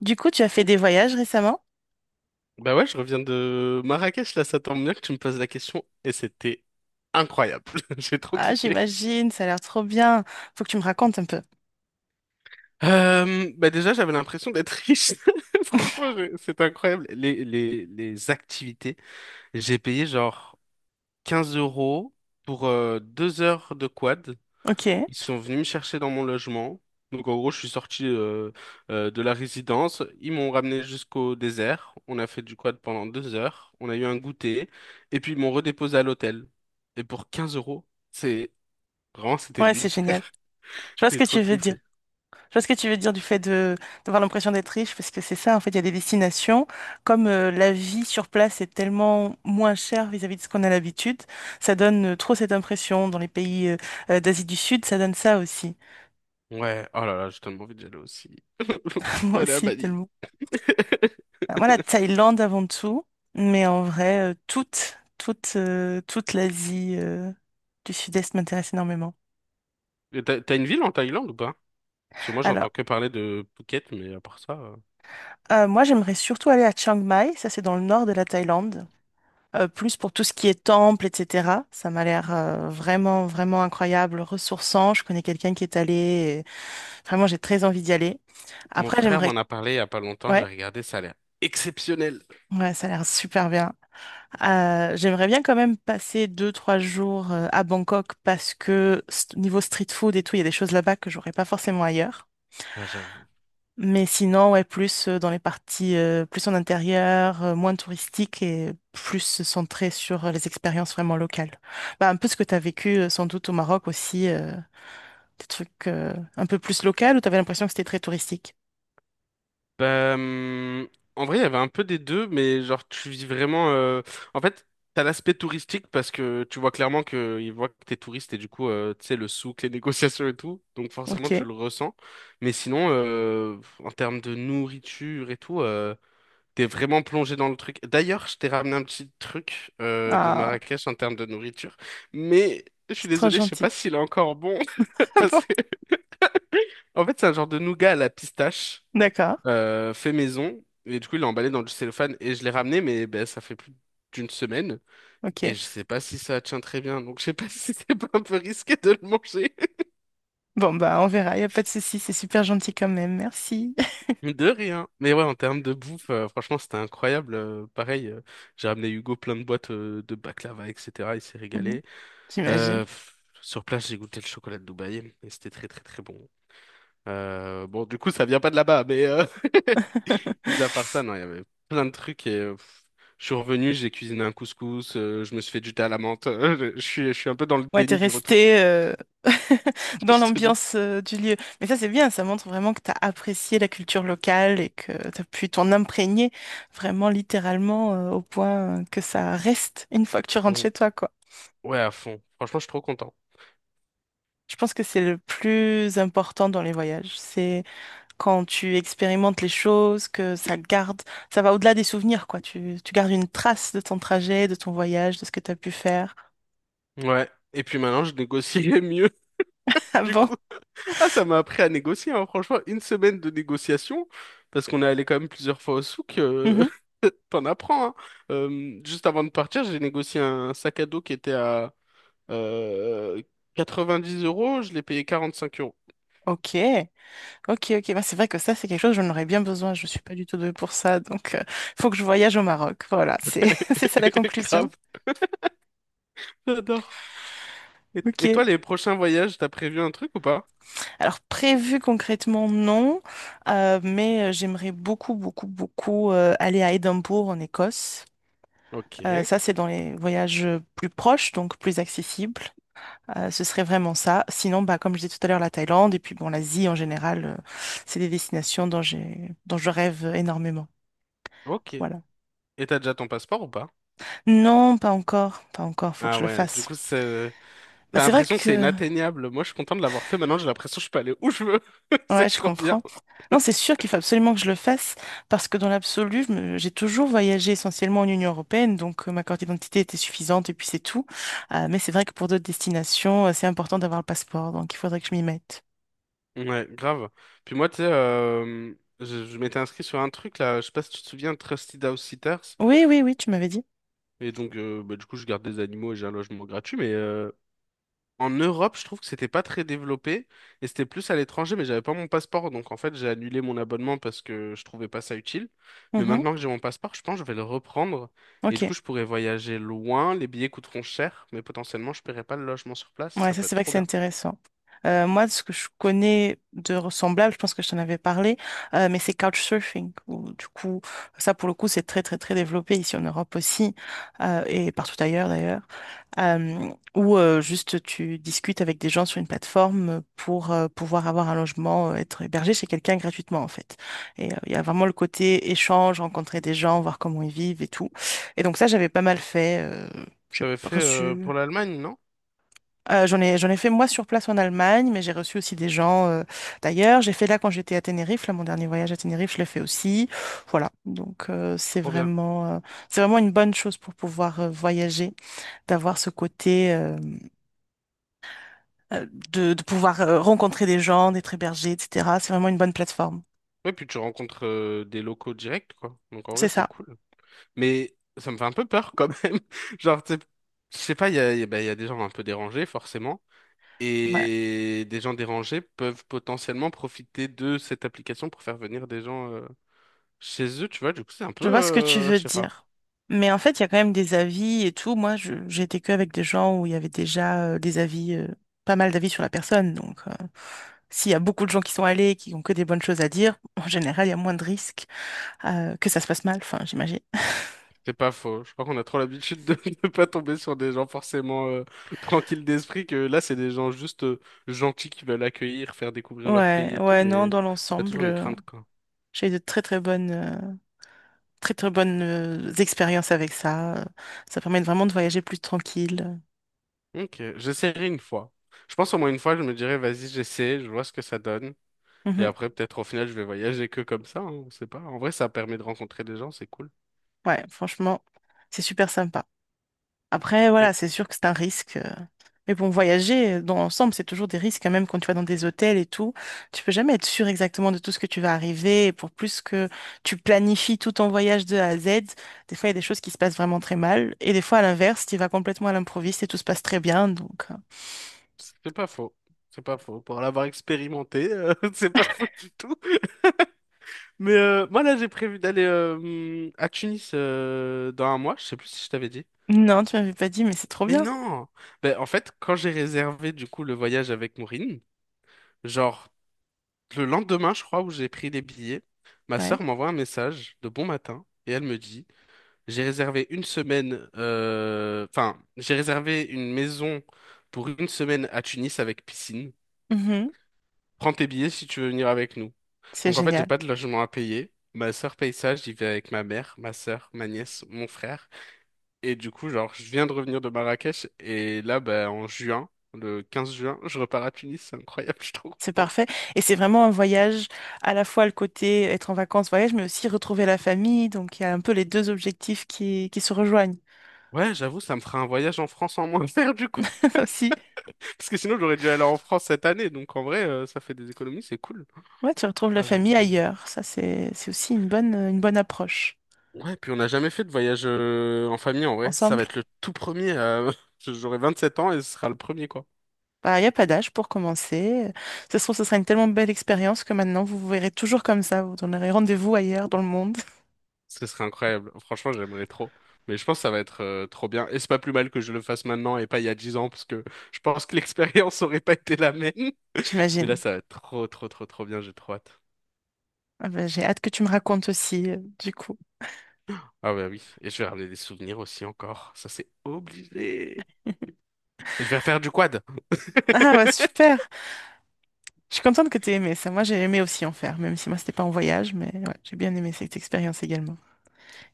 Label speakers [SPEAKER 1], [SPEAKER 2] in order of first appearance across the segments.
[SPEAKER 1] Du coup, tu as fait des voyages récemment?
[SPEAKER 2] Bah ouais, je reviens de Marrakech, là, ça tombe bien que tu me poses la question, et c'était incroyable. J'ai trop
[SPEAKER 1] Ah,
[SPEAKER 2] kiffé.
[SPEAKER 1] j'imagine, ça a l'air trop bien. Faut que tu me racontes un peu.
[SPEAKER 2] Bah déjà, j'avais l'impression d'être riche. Franchement, c'était incroyable. Les activités, j'ai payé genre 15 euros pour 2 heures de quad.
[SPEAKER 1] Ok.
[SPEAKER 2] Ils sont venus me chercher dans mon logement. Donc en gros, je suis sorti de la résidence. Ils m'ont ramené jusqu'au désert. On a fait du quad pendant 2 heures. On a eu un goûter. Et puis ils m'ont redéposé à l'hôtel. Et pour 15 euros, c'est vraiment c'était
[SPEAKER 1] Ouais, c'est
[SPEAKER 2] lunaire.
[SPEAKER 1] génial. Je vois ce
[SPEAKER 2] J'ai
[SPEAKER 1] que tu
[SPEAKER 2] trop
[SPEAKER 1] veux dire.
[SPEAKER 2] kiffé.
[SPEAKER 1] Je vois ce que tu veux dire du fait de d'avoir l'impression d'être riche, parce que c'est ça, en fait, il y a des destinations. Comme la vie sur place est tellement moins chère vis-à-vis de ce qu'on a l'habitude, ça donne trop cette impression. Dans les pays d'Asie du Sud, ça donne ça aussi.
[SPEAKER 2] Ouais, oh là là, j'ai tellement envie d'y aller aussi.
[SPEAKER 1] Moi
[SPEAKER 2] Voilà, à
[SPEAKER 1] aussi,
[SPEAKER 2] Bali.
[SPEAKER 1] tellement. Moi, la Thaïlande avant tout, mais en vrai, toute l'Asie du Sud-Est m'intéresse énormément.
[SPEAKER 2] Et t'as une ville en Thaïlande ou pas? Parce que moi,
[SPEAKER 1] Alors,
[SPEAKER 2] j'entends que parler de Phuket, mais à part ça,
[SPEAKER 1] moi, j'aimerais surtout aller à Chiang Mai, ça c'est dans le nord de la Thaïlande, plus pour tout ce qui est temple, etc. Ça m'a l'air vraiment incroyable, ressourçant. Je connais quelqu'un qui est allé, et vraiment, j'ai très envie d'y aller.
[SPEAKER 2] mon
[SPEAKER 1] Après,
[SPEAKER 2] frère
[SPEAKER 1] j'aimerais...
[SPEAKER 2] m'en a parlé il y a pas longtemps. J'ai
[SPEAKER 1] Ouais,
[SPEAKER 2] regardé, ça a l'air exceptionnel.
[SPEAKER 1] ouais, ça a l'air super bien. J'aimerais bien quand même passer deux, trois jours à Bangkok parce que niveau street food et tout, il y a des choses là-bas que j'aurais pas forcément ailleurs.
[SPEAKER 2] Ah, j'avoue.
[SPEAKER 1] Mais sinon, ouais, plus dans les parties, plus en intérieur, moins touristique et plus centré sur les expériences vraiment locales. Bah, un peu ce que tu as vécu sans doute au Maroc aussi, des trucs un peu plus locaux où tu avais l'impression que c'était très touristique.
[SPEAKER 2] Bah, hum, en vrai, il y avait un peu des deux, mais genre, tu vis vraiment. En fait, t'as l'aspect touristique parce que tu vois clairement que ils voient que t'es touriste et du coup, tu sais, le souk, les négociations et tout. Donc, forcément, tu
[SPEAKER 1] Ok.
[SPEAKER 2] le ressens. Mais sinon, en termes de nourriture et tout, t'es vraiment plongé dans le truc. D'ailleurs, je t'ai ramené un petit truc de
[SPEAKER 1] Ah,
[SPEAKER 2] Marrakech en termes de nourriture, mais je suis
[SPEAKER 1] c'est trop
[SPEAKER 2] désolé, je sais
[SPEAKER 1] gentil.
[SPEAKER 2] pas s'il est encore bon
[SPEAKER 1] Ah bon?
[SPEAKER 2] parce que, en fait, c'est un genre de nougat à la pistache
[SPEAKER 1] D'accord.
[SPEAKER 2] fait maison. Et du coup, il l'a emballé dans du cellophane et je l'ai ramené, mais ben, ça fait plus d'une semaine. Et
[SPEAKER 1] Ok.
[SPEAKER 2] je sais pas si ça tient très bien. Donc, je sais pas si c'est pas un peu risqué de le manger.
[SPEAKER 1] Bon, bah, on verra, il n'y a pas de souci, c'est super gentil quand même, merci.
[SPEAKER 2] De rien. Mais ouais, en termes de bouffe, franchement, c'était incroyable. Pareil, j'ai ramené Hugo plein de boîtes de baklava, etc. Il s'est
[SPEAKER 1] Mhm.
[SPEAKER 2] régalé.
[SPEAKER 1] J'imagine.
[SPEAKER 2] Sur place, j'ai goûté le chocolat de Dubaï et c'était très, très, très bon. Bon, du coup, ça vient pas de là-bas, Mis à part ça, non, il y avait plein de trucs et je suis revenu, j'ai cuisiné un couscous, je me suis fait du thé à la menthe. Je suis un peu dans le
[SPEAKER 1] Ouais, t'es
[SPEAKER 2] déni du retour,
[SPEAKER 1] resté dans
[SPEAKER 2] je te jure.
[SPEAKER 1] l'ambiance du lieu. Mais ça, c'est bien, ça montre vraiment que t'as apprécié la culture locale et que t'as pu t'en imprégner vraiment littéralement au point que ça reste une fois que tu rentres
[SPEAKER 2] Mm.
[SPEAKER 1] chez toi, quoi.
[SPEAKER 2] Ouais, à fond. Franchement, je suis trop content.
[SPEAKER 1] Je pense que c'est le plus important dans les voyages. C'est quand tu expérimentes les choses, que ça garde, ça va au-delà des souvenirs, quoi. Tu gardes une trace de ton trajet, de ton voyage, de ce que tu as pu faire.
[SPEAKER 2] Ouais. Et puis maintenant, je négocie mieux,
[SPEAKER 1] Ah
[SPEAKER 2] du
[SPEAKER 1] bon?
[SPEAKER 2] coup. Ah, ça m'a appris à négocier, hein. Franchement, une semaine de négociation, parce qu'on est allé quand même plusieurs fois au souk,
[SPEAKER 1] Mhm.
[SPEAKER 2] t'en apprends, hein. Juste avant de partir, j'ai négocié un sac à dos qui était à euh, 90 euros, je l'ai payé 45 euros.
[SPEAKER 1] Ok, ok. Bah, c'est vrai que ça, c'est quelque chose, j'en aurais bien besoin. Je suis pas du tout douée pour ça, donc il faut que je voyage au Maroc. Voilà, c'est c'est ça la conclusion.
[SPEAKER 2] Grave, j'adore. Et,
[SPEAKER 1] Ok.
[SPEAKER 2] et toi, les prochains voyages, t'as prévu un truc ou pas?
[SPEAKER 1] Alors prévu concrètement, non. J'aimerais beaucoup aller à Édimbourg en Écosse.
[SPEAKER 2] Ok,
[SPEAKER 1] Ça, c'est dans les voyages plus proches, donc plus accessibles. Ce serait vraiment ça. Sinon, bah, comme je disais tout à l'heure, la Thaïlande et puis bon, l'Asie en général, c'est des destinations dont je rêve énormément.
[SPEAKER 2] ok.
[SPEAKER 1] Voilà.
[SPEAKER 2] Et t'as déjà ton passeport ou pas?
[SPEAKER 1] Non, pas encore. Faut que
[SPEAKER 2] Ah
[SPEAKER 1] je le
[SPEAKER 2] ouais, du
[SPEAKER 1] fasse.
[SPEAKER 2] coup, c'est...
[SPEAKER 1] Bah,
[SPEAKER 2] t'as
[SPEAKER 1] c'est vrai
[SPEAKER 2] l'impression que c'est
[SPEAKER 1] que,
[SPEAKER 2] inatteignable. Moi, je suis content de l'avoir fait. Maintenant, j'ai l'impression que je peux aller où je veux.
[SPEAKER 1] ouais,
[SPEAKER 2] C'est
[SPEAKER 1] je
[SPEAKER 2] trop bien.
[SPEAKER 1] comprends. Non, c'est sûr qu'il faut absolument que je le fasse parce que dans l'absolu, j'ai toujours voyagé essentiellement en Union européenne, donc ma carte d'identité était suffisante et puis c'est tout. Mais c'est vrai que pour d'autres destinations, c'est important d'avoir le passeport, donc il faudrait que je m'y mette.
[SPEAKER 2] Ouais, grave. Puis moi, tu sais, je m'étais inscrit sur un truc là, je sais pas si tu te souviens, Trusted House Sitters.
[SPEAKER 1] Oui, tu m'avais dit.
[SPEAKER 2] Et donc, du coup, je garde des animaux et j'ai un logement gratuit, en Europe, je trouve que c'était pas très développé et c'était plus à l'étranger, mais j'avais pas mon passeport, donc en fait j'ai annulé mon abonnement parce que je trouvais pas ça utile. Mais
[SPEAKER 1] Mhm.
[SPEAKER 2] maintenant que j'ai mon passeport, je pense que je vais le reprendre et
[SPEAKER 1] Ok.
[SPEAKER 2] du coup je pourrais voyager loin. Les billets coûteront cher, mais potentiellement je paierai pas le logement sur place.
[SPEAKER 1] Ouais,
[SPEAKER 2] Ça
[SPEAKER 1] ça
[SPEAKER 2] peut
[SPEAKER 1] c'est
[SPEAKER 2] être
[SPEAKER 1] vrai que
[SPEAKER 2] trop
[SPEAKER 1] c'est
[SPEAKER 2] bien.
[SPEAKER 1] intéressant. Moi, ce que je connais de ressemblable, je pense que je t'en avais parlé, mais c'est couchsurfing, où, du coup, ça pour le coup, c'est très développé ici en Europe aussi et partout ailleurs d'ailleurs, où juste tu discutes avec des gens sur une plateforme pour pouvoir avoir un logement, être hébergé chez quelqu'un gratuitement en fait. Et il y a vraiment le côté échange, rencontrer des gens, voir comment ils vivent et tout. Et donc ça, j'avais pas mal fait. J'ai
[SPEAKER 2] T'avais fait
[SPEAKER 1] reçu
[SPEAKER 2] pour l'Allemagne, non?
[SPEAKER 1] j'en ai fait moi sur place en Allemagne, mais j'ai reçu aussi des gens d'ailleurs. J'ai fait là quand j'étais à Tenerife, là mon dernier voyage à Tenerife, je l'ai fait aussi. Voilà, donc
[SPEAKER 2] Trop bien.
[SPEAKER 1] c'est vraiment une bonne chose pour pouvoir voyager, d'avoir ce côté euh, de pouvoir rencontrer des gens, d'être hébergé, etc. C'est vraiment une bonne plateforme.
[SPEAKER 2] Ouais, puis tu rencontres des locaux directs, quoi. Donc en vrai
[SPEAKER 1] C'est
[SPEAKER 2] c'est
[SPEAKER 1] ça,
[SPEAKER 2] cool. Mais ça me fait un peu peur quand même. Genre, tu sais, je sais pas, il y a bah, il y a des gens un peu dérangés forcément.
[SPEAKER 1] ouais.
[SPEAKER 2] Et des gens dérangés peuvent potentiellement profiter de cette application pour faire venir des gens chez eux, tu vois. Du coup, c'est un
[SPEAKER 1] Je
[SPEAKER 2] peu,
[SPEAKER 1] vois ce que tu
[SPEAKER 2] je
[SPEAKER 1] veux
[SPEAKER 2] sais pas,
[SPEAKER 1] dire. Mais en fait, il y a quand même des avis et tout. Moi, j'ai été que avec des gens où il y avait déjà des avis, pas mal d'avis sur la personne, donc. S'il y a beaucoup de gens qui sont allés et qui ont que des bonnes choses à dire, en général, il y a moins de risques que ça se passe mal, enfin, j'imagine.
[SPEAKER 2] c'est pas faux. Je crois qu'on a trop l'habitude de ne pas tomber sur des gens forcément tranquilles d'esprit, que là, c'est des gens juste gentils qui veulent accueillir, faire découvrir leur
[SPEAKER 1] Ouais,
[SPEAKER 2] pays et tout,
[SPEAKER 1] non,
[SPEAKER 2] mais
[SPEAKER 1] dans
[SPEAKER 2] t'as
[SPEAKER 1] l'ensemble,
[SPEAKER 2] toujours une crainte, quoi.
[SPEAKER 1] j'ai eu de très très bonnes expériences avec ça. Ça permet vraiment de voyager plus tranquille.
[SPEAKER 2] Ok, j'essaierai une fois. Je pense au moins une fois, je me dirais, vas-y, j'essaie, je vois ce que ça donne. Et
[SPEAKER 1] Mhm.
[SPEAKER 2] après, peut-être au final, je vais voyager que comme ça, hein, on sait pas. En vrai, ça permet de rencontrer des gens, c'est cool.
[SPEAKER 1] Ouais, franchement, c'est super sympa. Après, voilà, c'est sûr que c'est un risque. Mais bon, voyager dans l'ensemble, c'est toujours des risques quand même quand tu vas dans des hôtels et tout. Tu peux jamais être sûr exactement de tout ce que tu vas arriver. Et pour plus que tu planifies tout ton voyage de A à Z, des fois, il y a des choses qui se passent vraiment très mal. Et des fois, à l'inverse, tu y vas complètement à l'improviste et tout se passe très bien. Donc,
[SPEAKER 2] C'est pas faux. C'est pas faux. Pour l'avoir expérimenté, c'est pas faux du tout. Moi, là, j'ai prévu d'aller à Tunis dans un mois. Je sais plus si je t'avais dit.
[SPEAKER 1] non, tu m'avais pas dit, mais c'est trop
[SPEAKER 2] Mais
[SPEAKER 1] bien.
[SPEAKER 2] non! Ben, en fait, quand j'ai réservé du coup le voyage avec Maureen, genre le lendemain, je crois, où j'ai pris les billets, ma
[SPEAKER 1] Ouais.
[SPEAKER 2] sœur m'envoie un message de bon matin et elle me dit, j'ai réservé une semaine, j'ai réservé une maison pour une semaine à Tunis avec piscine.
[SPEAKER 1] Mhm.
[SPEAKER 2] Prends tes billets si tu veux venir avec nous.
[SPEAKER 1] C'est
[SPEAKER 2] Donc en fait, j'ai
[SPEAKER 1] génial.
[SPEAKER 2] pas de logement à payer. Ma sœur paye ça, j'y vais avec ma mère, ma sœur, ma nièce, mon frère. Et du coup, genre, je viens de revenir de Marrakech et là, bah, en juin, le 15 juin, je repars à Tunis. C'est incroyable, je suis trop
[SPEAKER 1] C'est
[SPEAKER 2] content.
[SPEAKER 1] parfait. Et c'est vraiment un voyage, à la fois le côté être en vacances, voyage, mais aussi retrouver la famille. Donc, il y a un peu les deux objectifs qui se rejoignent
[SPEAKER 2] Ouais, j'avoue, ça me fera un voyage en France en moins à faire du coup.
[SPEAKER 1] aussi.
[SPEAKER 2] Parce que sinon, j'aurais dû aller en France cette année. Donc en vrai, ça fait des économies, c'est cool.
[SPEAKER 1] Ouais, tu retrouves la
[SPEAKER 2] Ah, j'avoue.
[SPEAKER 1] famille ailleurs. Ça, c'est aussi une bonne approche.
[SPEAKER 2] Ouais, puis on n'a jamais fait de voyage en famille en vrai. Ça va
[SPEAKER 1] Ensemble.
[SPEAKER 2] être le tout premier. J'aurai 27 ans et ce sera le premier, quoi.
[SPEAKER 1] Bah, il n'y a pas d'âge pour commencer. Ça se trouve, ce sera une tellement belle expérience que maintenant, vous vous verrez toujours comme ça. Vous donnerez rendez-vous ailleurs dans le monde,
[SPEAKER 2] Ce serait incroyable. Franchement, j'aimerais trop. Mais je pense que ça va être trop bien. Et c'est pas plus mal que je le fasse maintenant et pas il y a 10 ans, parce que je pense que l'expérience aurait pas été la même. Mais là,
[SPEAKER 1] j'imagine.
[SPEAKER 2] ça va être trop, trop, trop, trop bien. J'ai trop hâte.
[SPEAKER 1] Ah bah, j'ai hâte que tu me racontes aussi, du coup.
[SPEAKER 2] Ah bah oui. Et je vais ramener des souvenirs aussi encore. Ça, c'est obligé. Et je vais refaire du quad.
[SPEAKER 1] Ah, bah, super. Je suis contente que tu aies aimé ça. Moi, j'ai aimé aussi en faire, même si moi, c'était pas en voyage, mais ouais, j'ai bien aimé cette expérience également.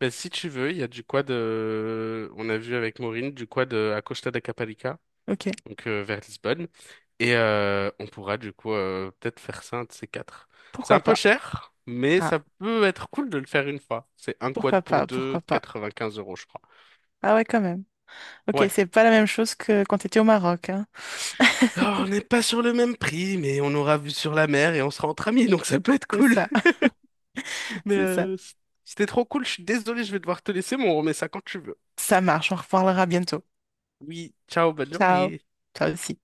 [SPEAKER 2] Ben, si tu veux, il y a du quad. On a vu avec Maureen, du quad à Costa da Caparica.
[SPEAKER 1] Ok.
[SPEAKER 2] Vers Lisbonne. Et on pourra du coup peut-être faire ça un de ces quatre. C'est un
[SPEAKER 1] Pourquoi
[SPEAKER 2] peu
[SPEAKER 1] pas?
[SPEAKER 2] cher, mais
[SPEAKER 1] Ah,
[SPEAKER 2] ça peut être cool de le faire une fois. C'est un quad
[SPEAKER 1] pourquoi
[SPEAKER 2] pour
[SPEAKER 1] pas?
[SPEAKER 2] deux,
[SPEAKER 1] Pourquoi pas?
[SPEAKER 2] 95 euros, je crois.
[SPEAKER 1] Ah ouais, quand même. Ok,
[SPEAKER 2] Ouais.
[SPEAKER 1] c'est pas la même chose que quand tu étais au Maroc, hein.
[SPEAKER 2] Alors, on n'est pas sur le même prix, mais on aura vu sur la mer et on sera entre amis, donc ça peut être
[SPEAKER 1] C'est
[SPEAKER 2] cool.
[SPEAKER 1] ça.
[SPEAKER 2] Mais
[SPEAKER 1] C'est ça.
[SPEAKER 2] euh, C'était trop cool, je suis désolé, je vais devoir te laisser, mais on remet ça quand tu veux.
[SPEAKER 1] Ça marche, on reparlera bientôt.
[SPEAKER 2] Oui, ciao, bonne
[SPEAKER 1] Ciao.
[SPEAKER 2] journée.
[SPEAKER 1] Toi aussi.